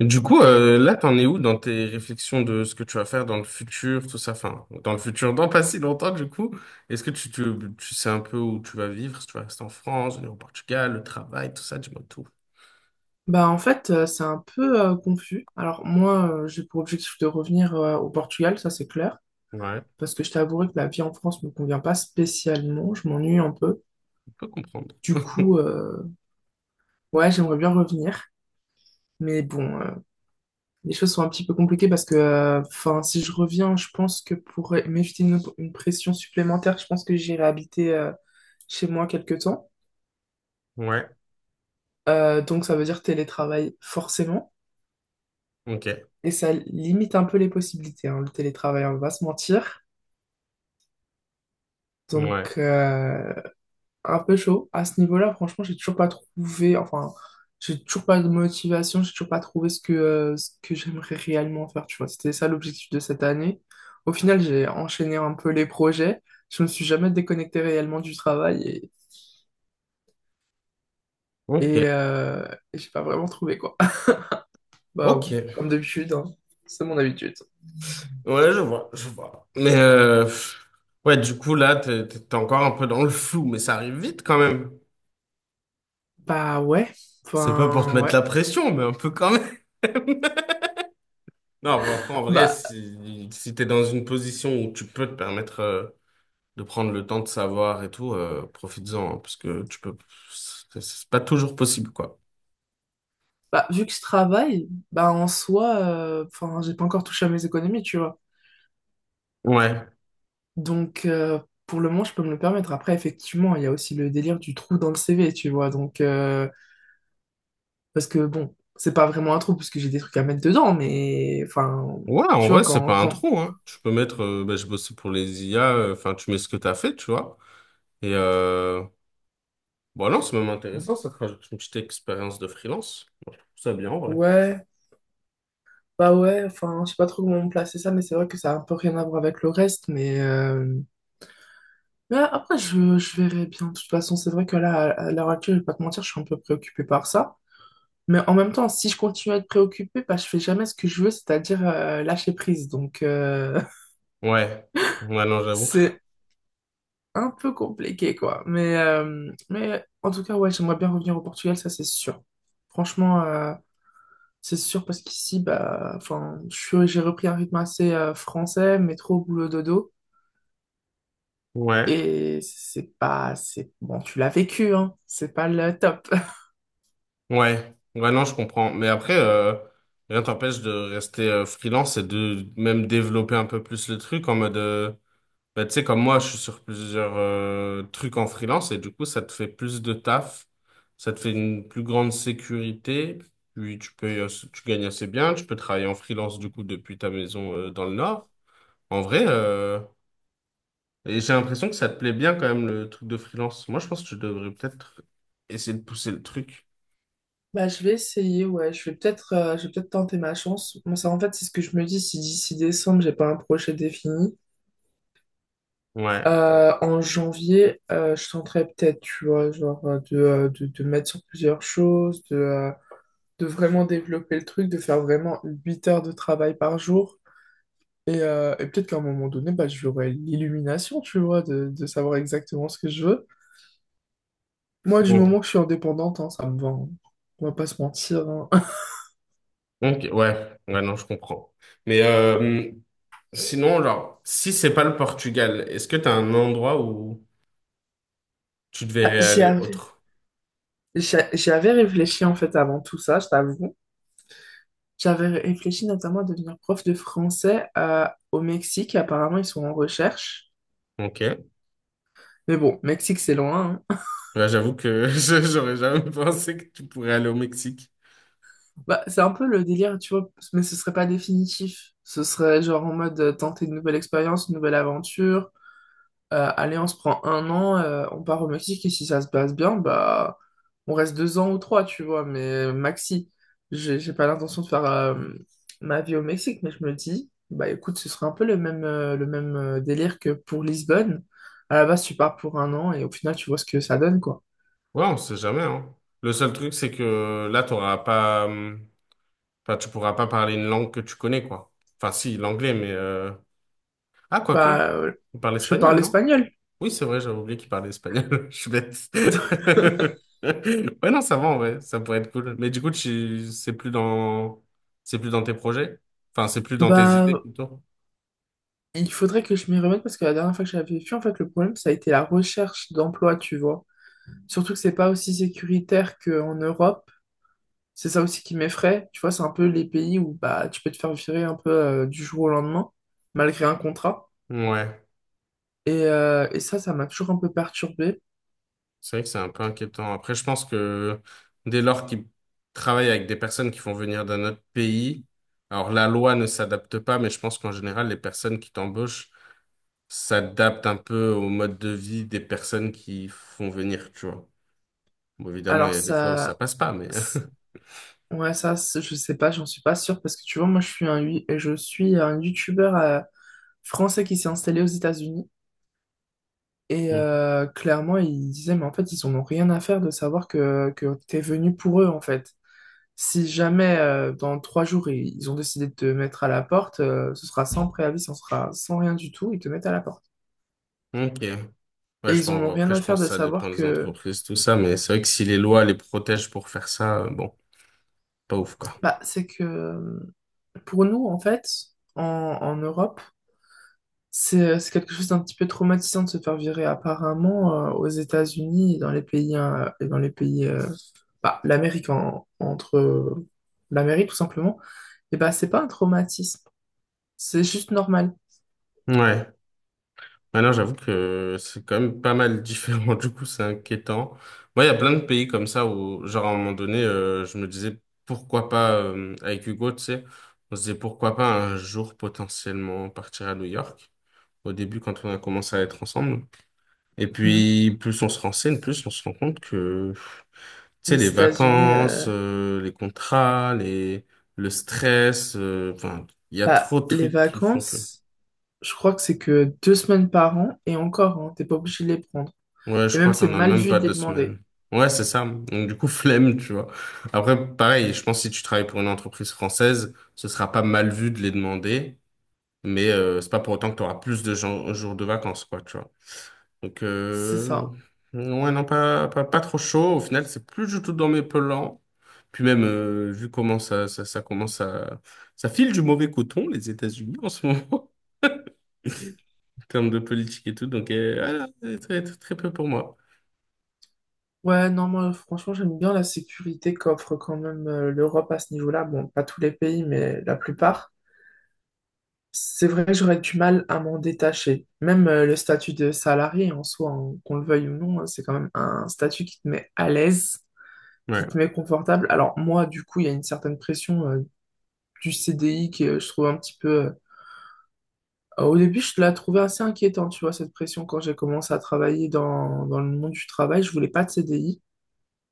Du coup, là, t'en es où dans tes réflexions de ce que tu vas faire dans le futur, tout ça, enfin, dans le futur, dans pas si longtemps, du coup, est-ce que tu sais un peu où tu vas vivre, si tu vas rester en France, venir au Portugal, le travail, tout ça, dis-moi tout. C'est un peu confus. Alors moi, j'ai pour objectif de revenir au Portugal, ça c'est clair, Ouais, parce que je t'avouerai que la vie en France me convient pas spécialement, je m'ennuie un peu. on peut comprendre. Du coup, euh, ouais, j'aimerais bien revenir, mais bon, les choses sont un petit peu compliquées parce que, enfin, si je reviens, je pense que pour m'éviter une pression supplémentaire, je pense que j'irai habiter chez moi quelque temps. Ouais, Donc ça veut dire télétravail forcément. ok, Et ça limite un peu les possibilités, hein, le télétravail, on va pas se mentir. ouais, Donc, euh, un peu chaud. À ce niveau-là, franchement, j'ai toujours pas trouvé, enfin, j'ai toujours pas de motivation, j'ai toujours pas trouvé ce que, ce que j'aimerais réellement faire, tu vois. C'était ça l'objectif de cette année. Au final, j'ai enchaîné un peu les projets. Je me suis jamais déconnecté réellement du travail ok, et, euh, et j'ai pas vraiment trouvé, quoi. Bah, ok. comme d'habitude, hein. C'est mon habitude. Ouais, je vois, je vois. Mais, pff, ouais, du coup, là, t'es encore un peu dans le flou, mais ça arrive vite quand même. Bah ouais, C'est pas pour te enfin mettre ouais. la pression, mais un peu quand non, bah, après, en vrai, Bah, si t'es dans une position où tu peux te permettre de prendre le temps de savoir et tout, profites-en, hein, parce que tu peux, c'est pas toujours possible, quoi. bah vu que je travaille, bah en soi, enfin j'ai pas encore touché à mes économies, tu vois. Ouais. Donc, euh, pour le moment, je peux me le permettre. Après, effectivement, il y a aussi le délire du trou dans le CV, tu vois. Parce que bon, c'est pas vraiment un trou parce que j'ai des trucs à mettre dedans, mais enfin, Ouais, en tu vois, vrai, c'est quand, pas un quand... trou, hein. Tu peux mettre, bah, j'ai bossé pour les IA, enfin, tu mets ce que t'as fait, tu vois. Et, bon, non, c'est même intéressant, ça te rajoute une petite expérience de freelance. Moi, je trouve ça bien, en vrai. Ouais, bah ouais, enfin, je sais pas trop comment placer ça, mais c'est vrai que ça a un peu rien à voir avec le reste, mais... mais après, je verrai bien. De toute façon, c'est vrai que là, à l'heure actuelle, je vais pas te mentir, je suis un peu préoccupée par ça. Mais en même temps, si je continue à être préoccupée bah, je fais jamais ce que je veux, c'est-à-dire lâcher prise. Ouais. Ouais, non, j'avoue. C'est un peu compliqué, quoi. Mais en tout cas, ouais, j'aimerais bien revenir au Portugal, ça c'est sûr. Franchement, euh, c'est sûr parce qu'ici, bah, enfin, j'ai repris un rythme assez français, métro, boulot, dodo. Ouais. Et c'est pas, c'est bon, tu l'as vécu, hein. C'est pas le top. Ouais, ouais, non, je comprends. Mais après, rien t'empêche de rester freelance et de même développer un peu plus le truc en mode, bah, tu sais, comme moi, je suis sur plusieurs trucs en freelance et du coup, ça te fait plus de taf, ça te fait une plus grande sécurité, puis tu peux, tu gagnes assez bien, tu peux travailler en freelance du coup depuis ta maison dans le Nord. En vrai, et j'ai l'impression que ça te plaît bien quand même le truc de freelance. Moi, je pense que tu devrais peut-être essayer de pousser le truc. Bah, je vais essayer, ouais. Je vais peut-être tenter ma chance. Moi, ça, en fait, c'est ce que je me dis si d'ici décembre, j'ai pas un projet défini. Ouais. En janvier, je tenterai peut-être, tu vois, genre de mettre sur plusieurs choses, de vraiment développer le truc, de faire vraiment 8 heures de travail par jour. Et peut-être qu'à un moment donné, bah, j'aurai l'illumination, tu vois, de savoir exactement ce que je veux. Moi, du moment que je suis indépendante, hein, ça me va. Hein. On va pas se mentir. Hein. Donc ouais, ouais, non, je comprends. Mais sinon, genre, si c'est pas le Portugal, est-ce que t'as un endroit où tu Bah, devrais aller autre? J'y avais réfléchi en fait avant tout ça, je t'avoue. J'avais réfléchi notamment à devenir prof de français au Mexique. Apparemment, ils sont en recherche. Ok. Mais bon, Mexique, c'est loin. Hein. Ouais, j'avoue que je- j'aurais jamais pensé que tu pourrais aller au Mexique. Bah, c'est un peu le délire, tu vois, mais ce serait pas définitif. Ce serait genre en mode tenter une nouvelle expérience, une nouvelle aventure. Allez, on se prend 1 an, on part au Mexique et si ça se passe bien, bah, on reste 2 ans ou trois, tu vois. Mais maxi, j'ai pas l'intention de faire ma vie au Mexique, mais je me dis, bah écoute, ce serait un peu le même, le même délire que pour Lisbonne. À la base, tu pars pour 1 an et au final, tu vois ce que ça donne, quoi. Ouais, on sait jamais, hein. Le seul truc, c'est que là, t'auras pas, enfin, tu pourras pas parler une langue que tu connais, quoi. Enfin, si, l'anglais, mais ah, quoique, Bah, euh, on parle je espagnol, parle non? espagnol. Oui, c'est vrai, j'avais oublié qu'il parlait espagnol. Je suis bête. Ouais, non, ça va, ouais. Ça pourrait être cool. Mais du coup, tu... c'est plus dans tes projets? Enfin, c'est plus dans tes idées, Bah, plutôt. il faudrait que je m'y remette parce que la dernière fois que j'avais vu, en fait, le problème, ça a été la recherche d'emploi, tu vois. Surtout que c'est pas aussi sécuritaire qu'en Europe. C'est ça aussi qui m'effraie. Tu vois, c'est un peu les pays où bah, tu peux te faire virer un peu du jour au lendemain, malgré un contrat. Ouais, Et ça, ça m'a toujours un peu perturbée. c'est vrai que c'est un peu inquiétant. Après, je pense que dès lors qu'ils travaillent avec des personnes qui font venir d'un autre pays, alors la loi ne s'adapte pas, mais je pense qu'en général, les personnes qui t'embauchent s'adaptent un peu au mode de vie des personnes qui font venir, tu vois. Bon, évidemment, il Alors, y a des fois où ça passe pas, mais... c'est- ouais, je sais pas, j'en suis pas sûre parce que tu vois, moi, je suis un YouTuber français qui s'est installé aux États-Unis. Clairement, ils disaient, mais en fait, ils en ont rien à faire de savoir que t'es venu pour eux, en fait. Si jamais, dans 3 jours, ils ont décidé de te mettre à la porte, ce sera sans préavis, ce sera sans rien du tout, ils te mettent à la porte. Ok. Ouais, Et je ils en pense, ont rien après, à je faire pense que de ça dépend savoir des que, entreprises, tout ça, mais c'est vrai que si les lois les protègent pour faire ça, bon, pas ouf, quoi. bah, c'est que pour nous, en fait, en Europe, c'est c'est quelque chose d'un petit peu traumatisant de se faire virer apparemment aux États-Unis et dans les pays euh, bah, l'Amérique en- entre l'Amérique tout simplement et bah c'est pas un traumatisme, c'est juste normal. Ouais. Maintenant, j'avoue que c'est quand même pas mal différent, du coup, c'est inquiétant. Moi, il y a plein de pays comme ça où, genre, à un moment donné, je me disais, pourquoi pas, avec Hugo, tu sais, on se disait, pourquoi pas un jour potentiellement partir à New York, au début, quand on a commencé à être ensemble. Et Mhm. puis, plus on se renseigne, plus on se rend compte que sais, Les les États-Unis vacances, les contrats, les, le stress, enfin, il y a bah, trop de les trucs qui font que. vacances je crois que c'est que 2 semaines par an et encore hein, t'es pas obligé de les prendre Ouais, et je même crois que c'est t'en as mal même vu pas de les deux demander. semaines. Ouais, c'est ça. Donc, du coup, flemme, tu vois. Après, pareil, je pense que si tu travailles pour une entreprise française, ce sera pas mal vu de les demander, mais c'est pas pour autant que tu auras plus de jours de vacances, quoi, tu vois. Donc, C'est ça. ouais, non, pas trop chaud. Au final, c'est plus du tout dans mes plans. Puis même, vu comment ça commence à... Ça file du mauvais coton, les États-Unis, en ce moment, en termes de politique et tout. Donc, voilà, c'est très, très, très peu pour moi. Ouais, non, moi, franchement, j'aime bien la sécurité qu'offre quand même l'Europe à ce niveau-là. Bon, pas tous les pays, mais la plupart. C'est vrai que j'aurais du mal à m'en détacher. Même le statut de salarié en soi, hein, qu'on le veuille ou non, hein, c'est quand même un statut qui te met à l'aise, Ouais, qui te met confortable. Alors moi, du coup, il y a une certaine pression du CDI que je trouve un petit peu... au début, je la trouvais assez inquiétante, tu vois, cette pression quand j'ai commencé à travailler dans le monde du travail. Je voulais pas de CDI,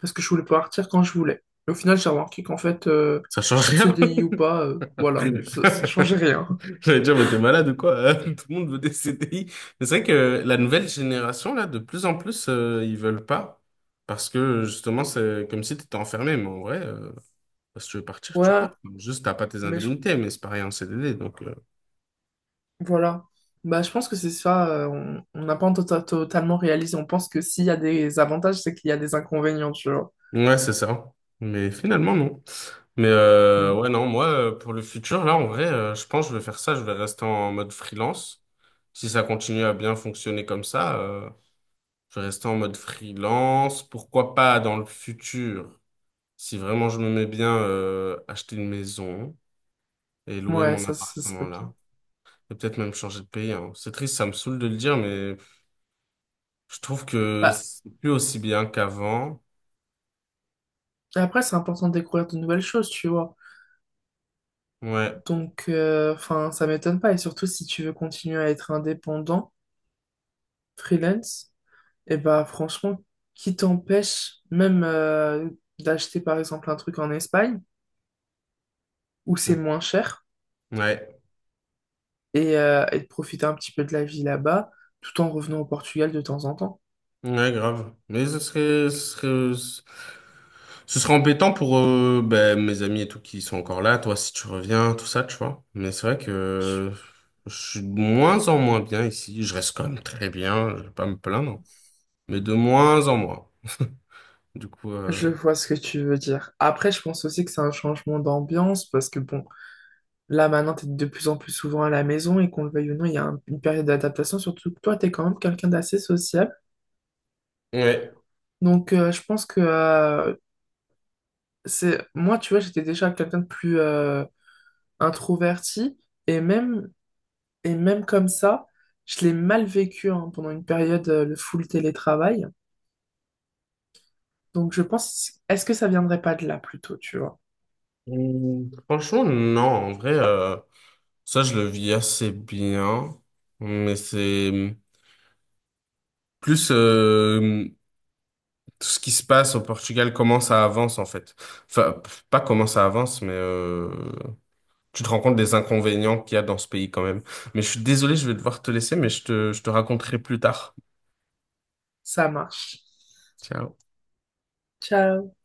parce que je voulais partir quand je voulais. Et au final, j'ai remarqué qu'en fait, ça change rien. CDI ou pas, voilà, ça changeait rien. J'allais dire, mais t'es malade ou quoi? Hein, tout le monde veut des CDI. Mais c'est vrai que la nouvelle génération, là, de plus en plus, ils veulent pas. Parce que, justement, c'est comme si t'étais enfermé. Mais en vrai... si tu veux partir, tu Ouais, pars. Juste, t'as pas tes mais je- indemnités, mais c'est pareil en CDD. Donc, voilà. Je pense que c'est ça, on n'a pas totalement réalisé. On pense que s'il y a des avantages, c'est qu'il y a des inconvénients, tu vois. ouais, c'est ça. Mais finalement, non. Mais Mm. ouais, non, moi, pour le futur, là, en vrai, je pense que je vais faire ça. Je vais rester en mode freelance. Si ça continue à bien fonctionner comme ça, je vais rester en mode freelance. Pourquoi pas dans le futur, si vraiment je me mets bien, acheter une maison et louer Ouais, mon ça, ce serait appartement bien. là. Et peut-être même changer de pays, hein. C'est triste, ça me saoule de le dire, mais je trouve que Bah, c'est plus aussi bien qu'avant. et après, c'est important de découvrir de nouvelles choses, tu vois. Ouais. Enfin, ça m'étonne pas. Et surtout, si tu veux continuer à être indépendant, freelance, et bah franchement, qui t'empêche même d'acheter par exemple un truc en Espagne où c'est Mm. moins cher Ouais. Et de profiter un petit peu de la vie là-bas tout en revenant au Portugal de temps en temps. Ouais, grave. Mais ce serait embêtant pour ben, mes amis et tout qui sont encore là. Toi, si tu reviens, tout ça, tu vois. Mais c'est vrai Je que je suis de moins en moins bien ici. Je reste quand même très bien. Je vais pas me plaindre. Mais de moins en moins. Du coup, je vois ce que tu veux dire. Après, je pense aussi que c'est un changement d'ambiance parce que bon, là maintenant t'es de plus en plus souvent à la maison et qu'on le veuille ou non, il y a une période d'adaptation, surtout que toi t'es quand même quelqu'un d'assez sociable. ouais. Donc je pense que C'est moi tu vois, j'étais déjà quelqu'un de plus introverti et même comme ça, je l'ai mal vécu hein, pendant une période le full télétravail. Donc je pense, est-ce que ça viendrait pas de là plutôt, tu vois? Mm. Franchement, non. En vrai, ça, je le vis assez bien. Mais c'est, plus tout ce qui se passe au Portugal, comment ça avance en fait. Enfin, pff, pas comment ça avance, mais tu te rends compte des inconvénients qu'il y a dans ce pays quand même. Mais je suis désolé, je vais devoir te laisser, mais je te raconterai plus tard. Ça marche. Ciao. Ciao.